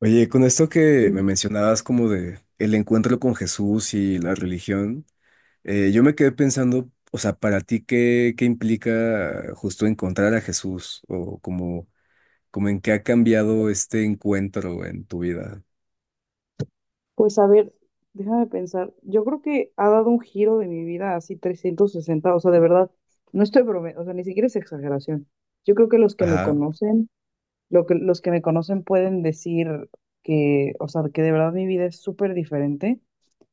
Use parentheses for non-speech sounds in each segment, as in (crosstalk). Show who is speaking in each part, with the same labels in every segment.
Speaker 1: Oye, con esto que
Speaker 2: Mm.
Speaker 1: me mencionabas como de el encuentro con Jesús y la religión, yo me quedé pensando, o sea, para ti, ¿qué implica justo encontrar a Jesús? O como, como en qué ha cambiado este encuentro en tu vida.
Speaker 2: Pues a ver, déjame pensar. Yo creo que ha dado un giro de mi vida así 360, o sea, de verdad, no estoy bromeando, o sea, ni siquiera es exageración. Yo creo que los que me
Speaker 1: Ajá,
Speaker 2: conocen, los que me conocen pueden decir que, o sea, que de verdad mi vida es súper diferente.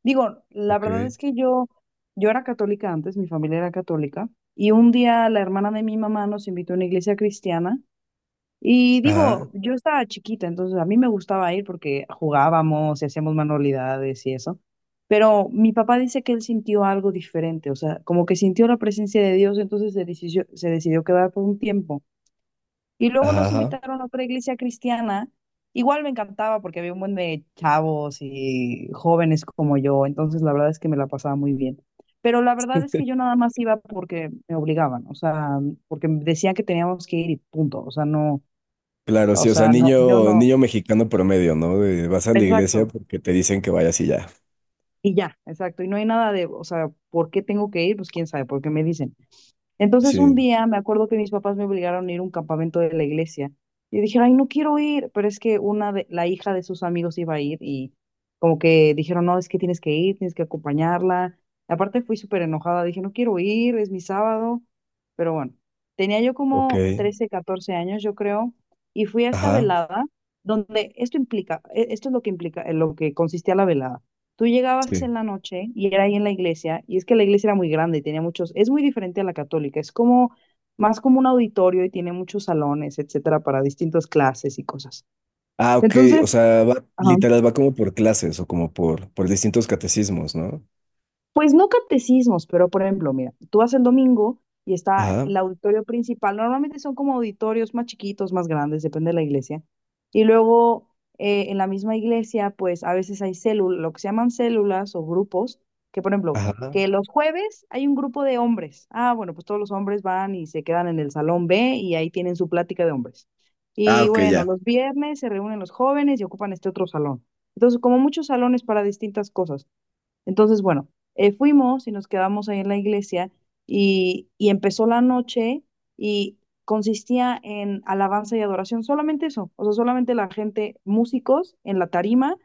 Speaker 2: Digo, la verdad
Speaker 1: ok.
Speaker 2: es que yo era católica antes, mi familia era católica, y un día la hermana de mi mamá nos invitó a una iglesia cristiana. Y
Speaker 1: Ajá,
Speaker 2: digo, yo estaba chiquita, entonces a mí me gustaba ir porque jugábamos y hacíamos manualidades y eso. Pero mi papá dice que él sintió algo diferente, o sea, como que sintió la presencia de Dios, entonces se decidió quedar por un tiempo. Y luego
Speaker 1: ajá,
Speaker 2: nos
Speaker 1: ajá.
Speaker 2: invitaron a otra iglesia cristiana. Igual me encantaba porque había un buen de chavos y jóvenes como yo, entonces la verdad es que me la pasaba muy bien. Pero la verdad es que yo nada más iba porque me obligaban, o sea, porque decían que teníamos que ir y punto, o sea, no.
Speaker 1: Claro,
Speaker 2: O
Speaker 1: sí, o sea,
Speaker 2: sea, no, yo
Speaker 1: niño,
Speaker 2: no,
Speaker 1: niño mexicano promedio, ¿no? De vas a la iglesia
Speaker 2: exacto.
Speaker 1: porque te dicen que vayas y ya.
Speaker 2: Y ya, exacto. Y no hay nada de, o sea, ¿por qué tengo que ir? Pues quién sabe, porque me dicen. Entonces un
Speaker 1: Sí,
Speaker 2: día me acuerdo que mis papás me obligaron a ir a un campamento de la iglesia. Y dije, ay, no quiero ir, pero es que la hija de sus amigos iba a ir y como que dijeron, no, es que tienes que ir, tienes que acompañarla. Aparte fui súper enojada, dije, no quiero ir, es mi sábado, pero bueno, tenía yo
Speaker 1: ok.
Speaker 2: como 13 14 años, yo creo, y fui a esta
Speaker 1: Ajá.
Speaker 2: velada donde esto es lo que implica, en lo que consistía la velada. Tú llegabas
Speaker 1: Sí.
Speaker 2: en la noche y era ahí en la iglesia, y es que la iglesia era muy grande y tenía muchos, es muy diferente a la católica, es como más como un auditorio y tiene muchos salones, etcétera, para distintas clases y cosas.
Speaker 1: Ah, ok. O
Speaker 2: Entonces,
Speaker 1: sea, va,
Speaker 2: ajá.
Speaker 1: literal va como por clases o como por distintos catecismos, ¿no?
Speaker 2: Pues no catecismos, pero por ejemplo, mira, tú vas el domingo y está
Speaker 1: Ajá,
Speaker 2: el auditorio principal. Normalmente son como auditorios más chiquitos, más grandes, depende de la iglesia. Y luego en la misma iglesia, pues a veces hay células, lo que se llaman células o grupos, que por ejemplo,
Speaker 1: ajá.
Speaker 2: que los jueves hay un grupo de hombres. Ah, bueno, pues todos los hombres van y se quedan en el salón B y ahí tienen su plática de hombres.
Speaker 1: Ah,
Speaker 2: Y
Speaker 1: ok,
Speaker 2: bueno,
Speaker 1: ya.
Speaker 2: los viernes se reúnen los jóvenes y ocupan este otro salón. Entonces, como muchos salones para distintas cosas. Entonces, bueno, fuimos y nos quedamos ahí en la iglesia y, empezó la noche y consistía en alabanza y adoración, solamente eso, o sea, solamente la gente, músicos en la tarima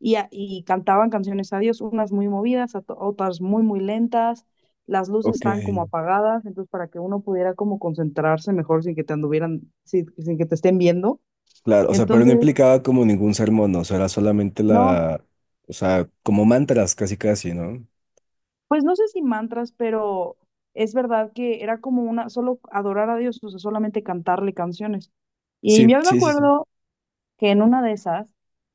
Speaker 2: y cantaban canciones a Dios, unas muy movidas, otras muy, muy lentas, las luces
Speaker 1: Ok.
Speaker 2: estaban como apagadas, entonces para que uno pudiera como concentrarse mejor sin que te anduvieran, sin que te estén viendo.
Speaker 1: Claro, o sea, pero no
Speaker 2: Entonces...
Speaker 1: implicaba como ningún sermón, ¿no? O sea, era solamente
Speaker 2: No,
Speaker 1: la, o sea, como mantras casi casi, ¿no?
Speaker 2: pues no sé si mantras, pero es verdad que era como una, solo adorar a Dios, o sea, solamente cantarle canciones. Y
Speaker 1: Sí,
Speaker 2: yo me
Speaker 1: sí, sí, sí.
Speaker 2: acuerdo que en una de esas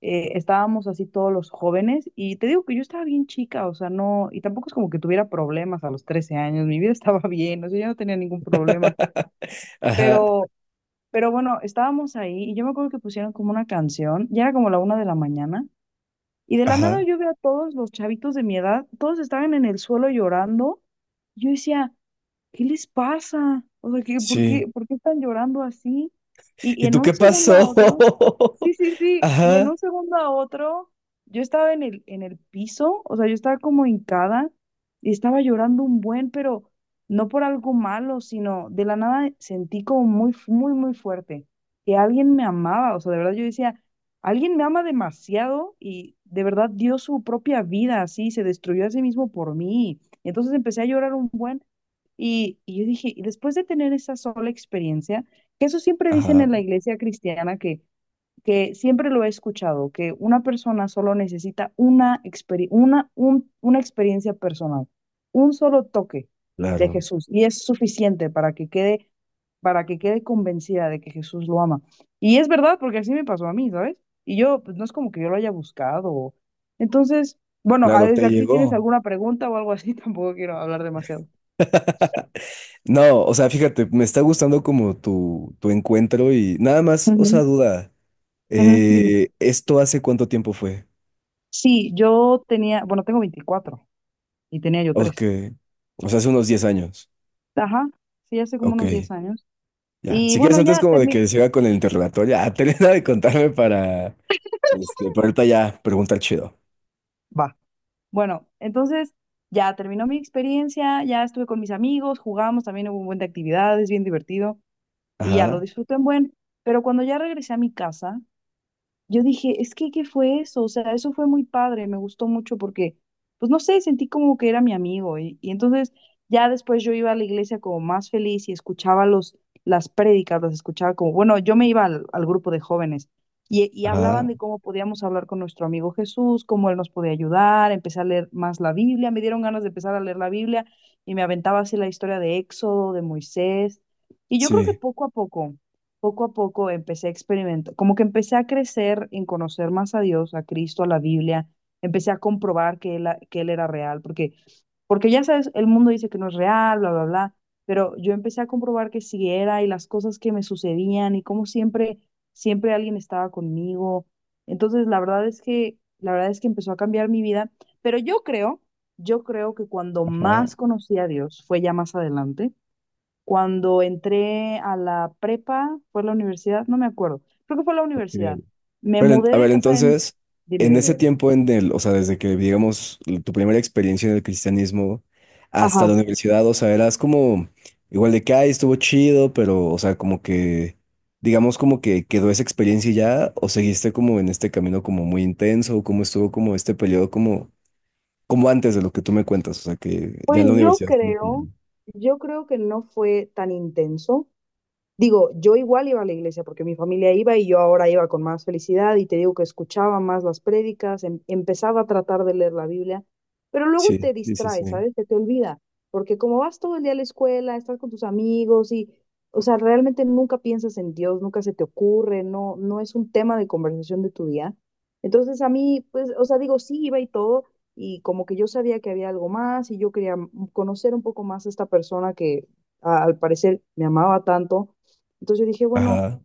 Speaker 2: estábamos así todos los jóvenes y te digo que yo estaba bien chica, o sea, no, y tampoco es como que tuviera problemas a los 13 años, mi vida (laughs) estaba bien, o sea, yo no tenía ningún problema,
Speaker 1: (laughs) Ajá,
Speaker 2: pero, pero bueno, estábamos ahí y yo me acuerdo que pusieron como una canción, ya era como la una de la mañana y de la nada
Speaker 1: ajá,
Speaker 2: yo veo a todos los chavitos de mi edad, todos estaban en el suelo llorando. Yo decía, ¿qué les pasa? O sea, ¿qué? ¿Por
Speaker 1: sí.
Speaker 2: qué, por qué están llorando así? Y,
Speaker 1: ¿Y
Speaker 2: y en
Speaker 1: tú
Speaker 2: un
Speaker 1: qué
Speaker 2: segundo a
Speaker 1: pasó?
Speaker 2: otro, sí,
Speaker 1: (laughs)
Speaker 2: sí, sí, y en
Speaker 1: Ajá,
Speaker 2: un segundo a otro, yo estaba en en el piso, o sea, yo estaba como hincada y estaba llorando un buen, pero no por algo malo, sino de la nada sentí como muy, muy fuerte que alguien me amaba, o sea, de verdad yo decía, alguien me ama demasiado y de verdad dio su propia vida así, se destruyó a sí mismo por mí. Entonces empecé a llorar un buen. Y yo dije, y después de tener esa sola experiencia, que eso siempre dicen
Speaker 1: ajá,
Speaker 2: en la iglesia cristiana, que siempre lo he escuchado, que una persona solo necesita una experiencia personal, un solo toque de
Speaker 1: claro,
Speaker 2: Jesús, y es suficiente para que quede convencida de que Jesús lo ama. Y es verdad, porque así me pasó a mí, ¿sabes? Y yo, pues no es como que yo lo haya buscado. O- Entonces, bueno, ah,
Speaker 1: claro,
Speaker 2: desde
Speaker 1: te
Speaker 2: aquí tienes
Speaker 1: llegó.
Speaker 2: alguna pregunta o algo así, (laughs) tampoco quiero hablar demasiado.
Speaker 1: No, o sea, fíjate, me está gustando como tu encuentro y nada más, o sea,
Speaker 2: Ujú.
Speaker 1: duda.
Speaker 2: Ujú, dime.
Speaker 1: ¿Esto hace cuánto tiempo fue?
Speaker 2: Sí, yo tenía, bueno, tengo 24 y tenía yo
Speaker 1: Ok.
Speaker 2: 13.
Speaker 1: O sea, hace unos 10 años.
Speaker 2: Ajá, sí, hace como
Speaker 1: Ok,
Speaker 2: unos 10 años.
Speaker 1: ya.
Speaker 2: Y
Speaker 1: Si quieres,
Speaker 2: bueno,
Speaker 1: antes
Speaker 2: ya
Speaker 1: como de
Speaker 2: terminé.
Speaker 1: que siga con el interrogatorio, ya, (laughs) termina de contarme para, este, para ahorita ya preguntar chido.
Speaker 2: Va. Bueno, entonces ya terminó mi experiencia, ya estuve con mis amigos, jugamos, también hubo un buen de actividades, bien divertido y ya lo
Speaker 1: Ajá,
Speaker 2: disfruté en buen. Pero cuando ya regresé a mi casa, yo dije, es que, ¿qué fue eso? O sea, eso fue muy padre, me gustó mucho porque, pues no sé, sentí como que era mi amigo. Y entonces ya después yo iba a la iglesia como más feliz y escuchaba las prédicas, las escuchaba como, bueno, yo me iba al grupo de jóvenes y, hablaban
Speaker 1: ajá,
Speaker 2: de cómo podíamos hablar con nuestro amigo Jesús, cómo él nos podía ayudar, empecé a leer más la Biblia, me dieron ganas de empezar a leer la Biblia y me aventaba así la historia de Éxodo, de Moisés. Y yo creo que
Speaker 1: sí,
Speaker 2: poco a poco empecé a experimentar, como que empecé a crecer en conocer más a Dios, a Cristo, a la Biblia, empecé a comprobar que él era real, porque, porque ya sabes, el mundo dice que no es real, bla, bla, bla, pero yo empecé a comprobar que sí era y las cosas que me sucedían y cómo siempre, siempre alguien estaba conmigo. Entonces, la verdad es que empezó a cambiar mi vida, pero yo creo que cuando
Speaker 1: ajá,
Speaker 2: más conocí a Dios fue ya más adelante cuando entré a la prepa, fue la universidad, no me acuerdo. Creo que fue la
Speaker 1: ok.
Speaker 2: universidad. Me
Speaker 1: Pero, a
Speaker 2: mudé de
Speaker 1: ver,
Speaker 2: casa de mis...
Speaker 1: entonces,
Speaker 2: Dime,
Speaker 1: en
Speaker 2: dime,
Speaker 1: ese
Speaker 2: dime.
Speaker 1: tiempo en el, o sea, desde que, digamos, tu primera experiencia en el cristianismo hasta
Speaker 2: Ajá.
Speaker 1: la universidad, o sea, eras como, igual de que, ay, estuvo chido, pero, o sea, como que, digamos, como que quedó esa experiencia y ya, o seguiste como en este camino como muy intenso, o cómo estuvo como este periodo como, como antes de lo que tú me cuentas, o sea, que ya
Speaker 2: Pues
Speaker 1: en la
Speaker 2: yo
Speaker 1: universidad. Como que...
Speaker 2: creo, yo creo que no fue tan intenso. Digo, yo igual iba a la iglesia porque mi familia iba y yo ahora iba con más felicidad y te digo que escuchaba más las prédicas, empezaba a tratar de leer la Biblia, pero luego
Speaker 1: Sí,
Speaker 2: te
Speaker 1: sí, sí,
Speaker 2: distrae,
Speaker 1: sí.
Speaker 2: ¿sabes? Se te olvida, porque como vas todo el día a la escuela, estás con tus amigos y, o sea, realmente nunca piensas en Dios, nunca se te ocurre, no, no es un tema de conversación de tu día. Entonces a mí, pues, o sea, digo, sí iba y todo y como que yo sabía que había algo más y yo quería conocer un poco más a esta persona que al parecer me amaba tanto, entonces yo dije, bueno,
Speaker 1: Ajá,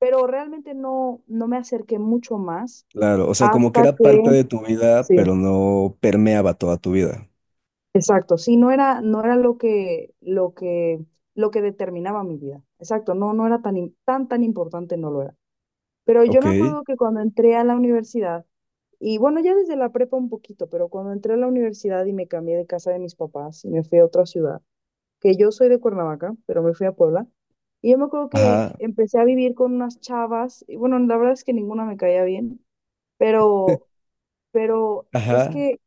Speaker 2: pero realmente no, no me acerqué mucho más
Speaker 1: claro, o sea, como que
Speaker 2: hasta
Speaker 1: era parte
Speaker 2: que,
Speaker 1: de tu vida,
Speaker 2: sí,
Speaker 1: pero no permeaba toda tu vida.
Speaker 2: exacto, sí, no era lo que, lo que determinaba mi vida. Exacto, no, no era tan, tan importante, no lo era. Pero yo
Speaker 1: Ok.
Speaker 2: me acuerdo que cuando entré a la universidad, y bueno, ya desde la prepa un poquito, pero cuando entré a la universidad y me cambié de casa de mis papás y me fui a otra ciudad, que yo soy de Cuernavaca, pero me fui a Puebla. Y yo me acuerdo que
Speaker 1: Ajá,
Speaker 2: empecé a vivir con unas chavas, y bueno, la verdad es que ninguna me caía bien, pero, pero es
Speaker 1: ajá,
Speaker 2: que,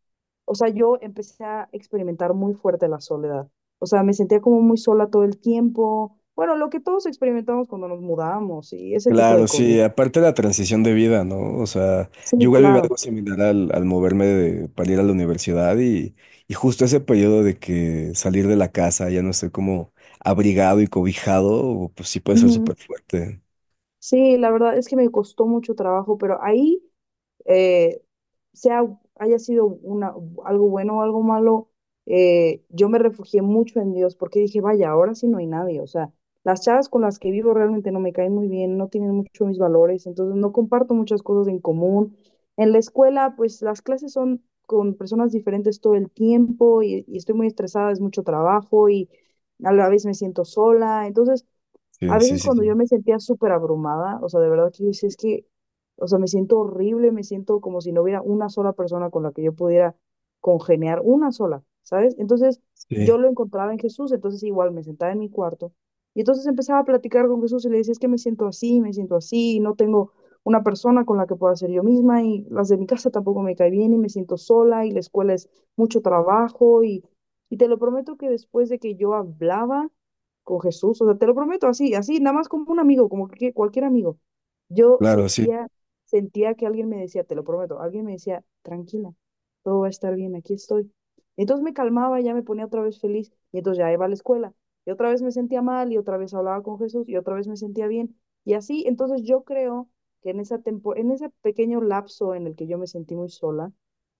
Speaker 2: o sea, yo empecé a experimentar muy fuerte la soledad. O sea, me sentía como muy sola todo el tiempo. Bueno, lo que todos experimentamos cuando nos mudamos y ese tipo de
Speaker 1: claro,
Speaker 2: cosas.
Speaker 1: sí, aparte la transición de vida, ¿no? O sea, yo
Speaker 2: Sí,
Speaker 1: igual viví
Speaker 2: claro.
Speaker 1: algo similar al, al para ir a la universidad y justo ese periodo de que salir de la casa ya no estoy como abrigado y cobijado, pues sí puede ser
Speaker 2: Ujú.
Speaker 1: súper fuerte.
Speaker 2: Sí, la verdad es que me costó mucho trabajo, pero ahí eh, sea, haya sido una, algo bueno o algo malo, yo me refugié mucho en Dios porque dije, vaya, ahora sí no hay nadie. O sea, las chavas con las que vivo realmente no me caen muy bien, no tienen mucho mis valores, entonces no comparto muchas cosas en común. En la escuela, pues las clases son con personas diferentes todo el tiempo y, estoy muy estresada, es mucho trabajo y a la vez me siento sola. Entonces, a
Speaker 1: Sí, sí,
Speaker 2: veces
Speaker 1: sí,
Speaker 2: cuando
Speaker 1: sí.
Speaker 2: yo me sentía súper abrumada, o sea, de verdad que yo decía, es que, o sea, me siento horrible, me siento como si no hubiera una sola persona con la que yo pudiera congeniar, una sola, ¿sabes? Entonces yo
Speaker 1: Sí,
Speaker 2: lo encontraba en Jesús, entonces igual me sentaba en mi cuarto y entonces empezaba a platicar con Jesús y le decía, es que me siento así, no tengo una persona con la que pueda ser yo misma y las de mi casa tampoco me cae bien y me siento sola y la escuela es mucho trabajo y, te lo prometo que después de que yo hablaba con Jesús, o sea, te lo prometo, así, así, nada más como un amigo, como que cualquier amigo. Yo
Speaker 1: claro, sí,
Speaker 2: sentía, sentía que alguien me decía, te lo prometo, alguien me decía, tranquila, todo va a estar bien, aquí estoy. Entonces me calmaba, y ya me ponía otra vez feliz, y entonces ya iba a la escuela, y otra vez me sentía mal, y otra vez hablaba con Jesús, y otra vez me sentía bien, y así, entonces yo creo que en en ese pequeño lapso en el que yo me sentí muy sola,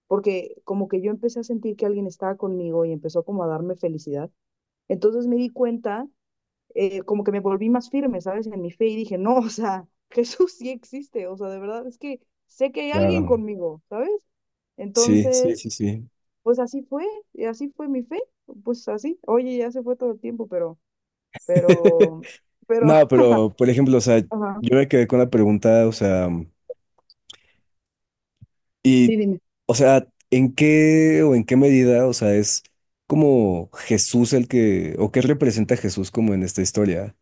Speaker 2: porque como que yo empecé a sentir que alguien estaba conmigo y empezó como a darme felicidad, entonces me di cuenta como que me volví más firme, ¿sabes? En mi fe y dije, no, (laughs) o sea, Jesús sí existe, o sea, de verdad es que sé que hay alguien
Speaker 1: claro.
Speaker 2: conmigo, ¿sabes?
Speaker 1: Sí,
Speaker 2: Entonces,
Speaker 1: sí, sí, sí.
Speaker 2: pues así fue, y así fue mi fe, pues así, oye, ya se fue todo el tiempo,
Speaker 1: (laughs)
Speaker 2: pero, pero,
Speaker 1: No,
Speaker 2: (laughs)
Speaker 1: pero, por ejemplo, o sea,
Speaker 2: ajá,
Speaker 1: yo me quedé con la pregunta, o sea...
Speaker 2: sí,
Speaker 1: Y,
Speaker 2: dime.
Speaker 1: o sea, ¿en qué o en qué medida, o sea, es como Jesús el que, o qué representa Jesús como en esta historia?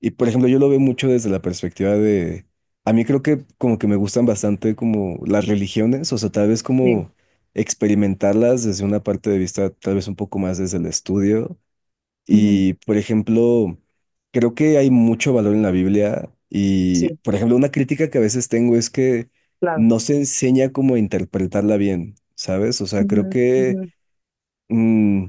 Speaker 1: Y, por ejemplo, yo lo veo mucho desde la perspectiva de, a mí creo que como que me gustan bastante como las religiones, o sea, tal vez
Speaker 2: Sí.
Speaker 1: como experimentarlas desde una parte de vista, tal vez un poco más desde el estudio.
Speaker 2: Ujú.
Speaker 1: Y, por ejemplo, creo que hay mucho valor en la Biblia
Speaker 2: Sí,
Speaker 1: y, por ejemplo, una crítica que a veces tengo es que
Speaker 2: claro.
Speaker 1: no se enseña cómo interpretarla bien, ¿sabes? O sea,
Speaker 2: Ujú,
Speaker 1: creo que
Speaker 2: ujú.
Speaker 1: Mm,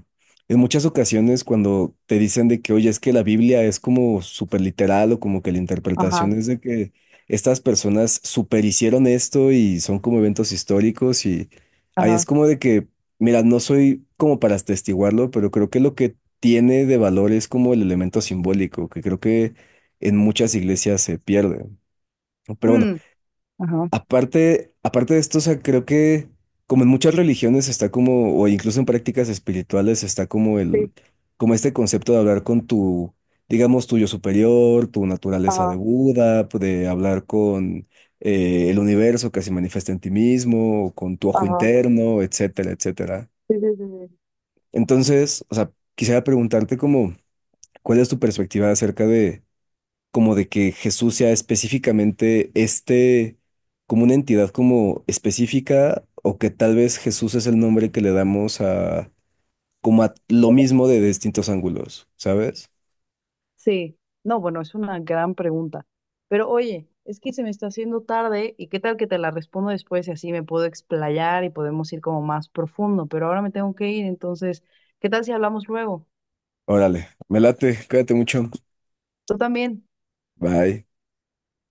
Speaker 1: en muchas ocasiones cuando te dicen de que, oye, es que la Biblia es como súper literal o como que la
Speaker 2: Ajá,
Speaker 1: interpretación es de que estas personas superhicieron esto y son como eventos históricos y ahí es
Speaker 2: ajá.
Speaker 1: como de que, mira, no soy como para atestiguarlo, pero creo que lo que tiene de valor es como el elemento simbólico, que creo que en muchas iglesias se pierde. Pero bueno,
Speaker 2: Mm, ajá.
Speaker 1: aparte, aparte de esto, o sea, creo que como en muchas religiones está como, o incluso en prácticas espirituales está como el,
Speaker 2: Sí,
Speaker 1: como este concepto de hablar con tu, digamos, tu yo superior, tu naturaleza de
Speaker 2: ajá,
Speaker 1: Buda, pues, de hablar con el universo que se manifiesta en ti mismo, o con tu ojo
Speaker 2: ajá,
Speaker 1: interno, etcétera, etcétera.
Speaker 2: sí, sí, sí, sí.
Speaker 1: Entonces, o sea, quisiera preguntarte como, ¿cuál es tu perspectiva acerca de como de que Jesús sea específicamente este, como una entidad como específica, o que tal vez Jesús es el nombre que le damos a, como a lo mismo de distintos ángulos, ¿sabes?
Speaker 2: Sí, no, bueno, es una gran pregunta. Pero oye, es que se me está haciendo tarde y qué tal que te la respondo después y así me puedo explayar y podemos ir como más profundo. Pero ahora me tengo que ir, entonces, ¿qué tal si hablamos luego?
Speaker 1: Órale, me late, cuídate mucho.
Speaker 2: Tú también.
Speaker 1: Bye.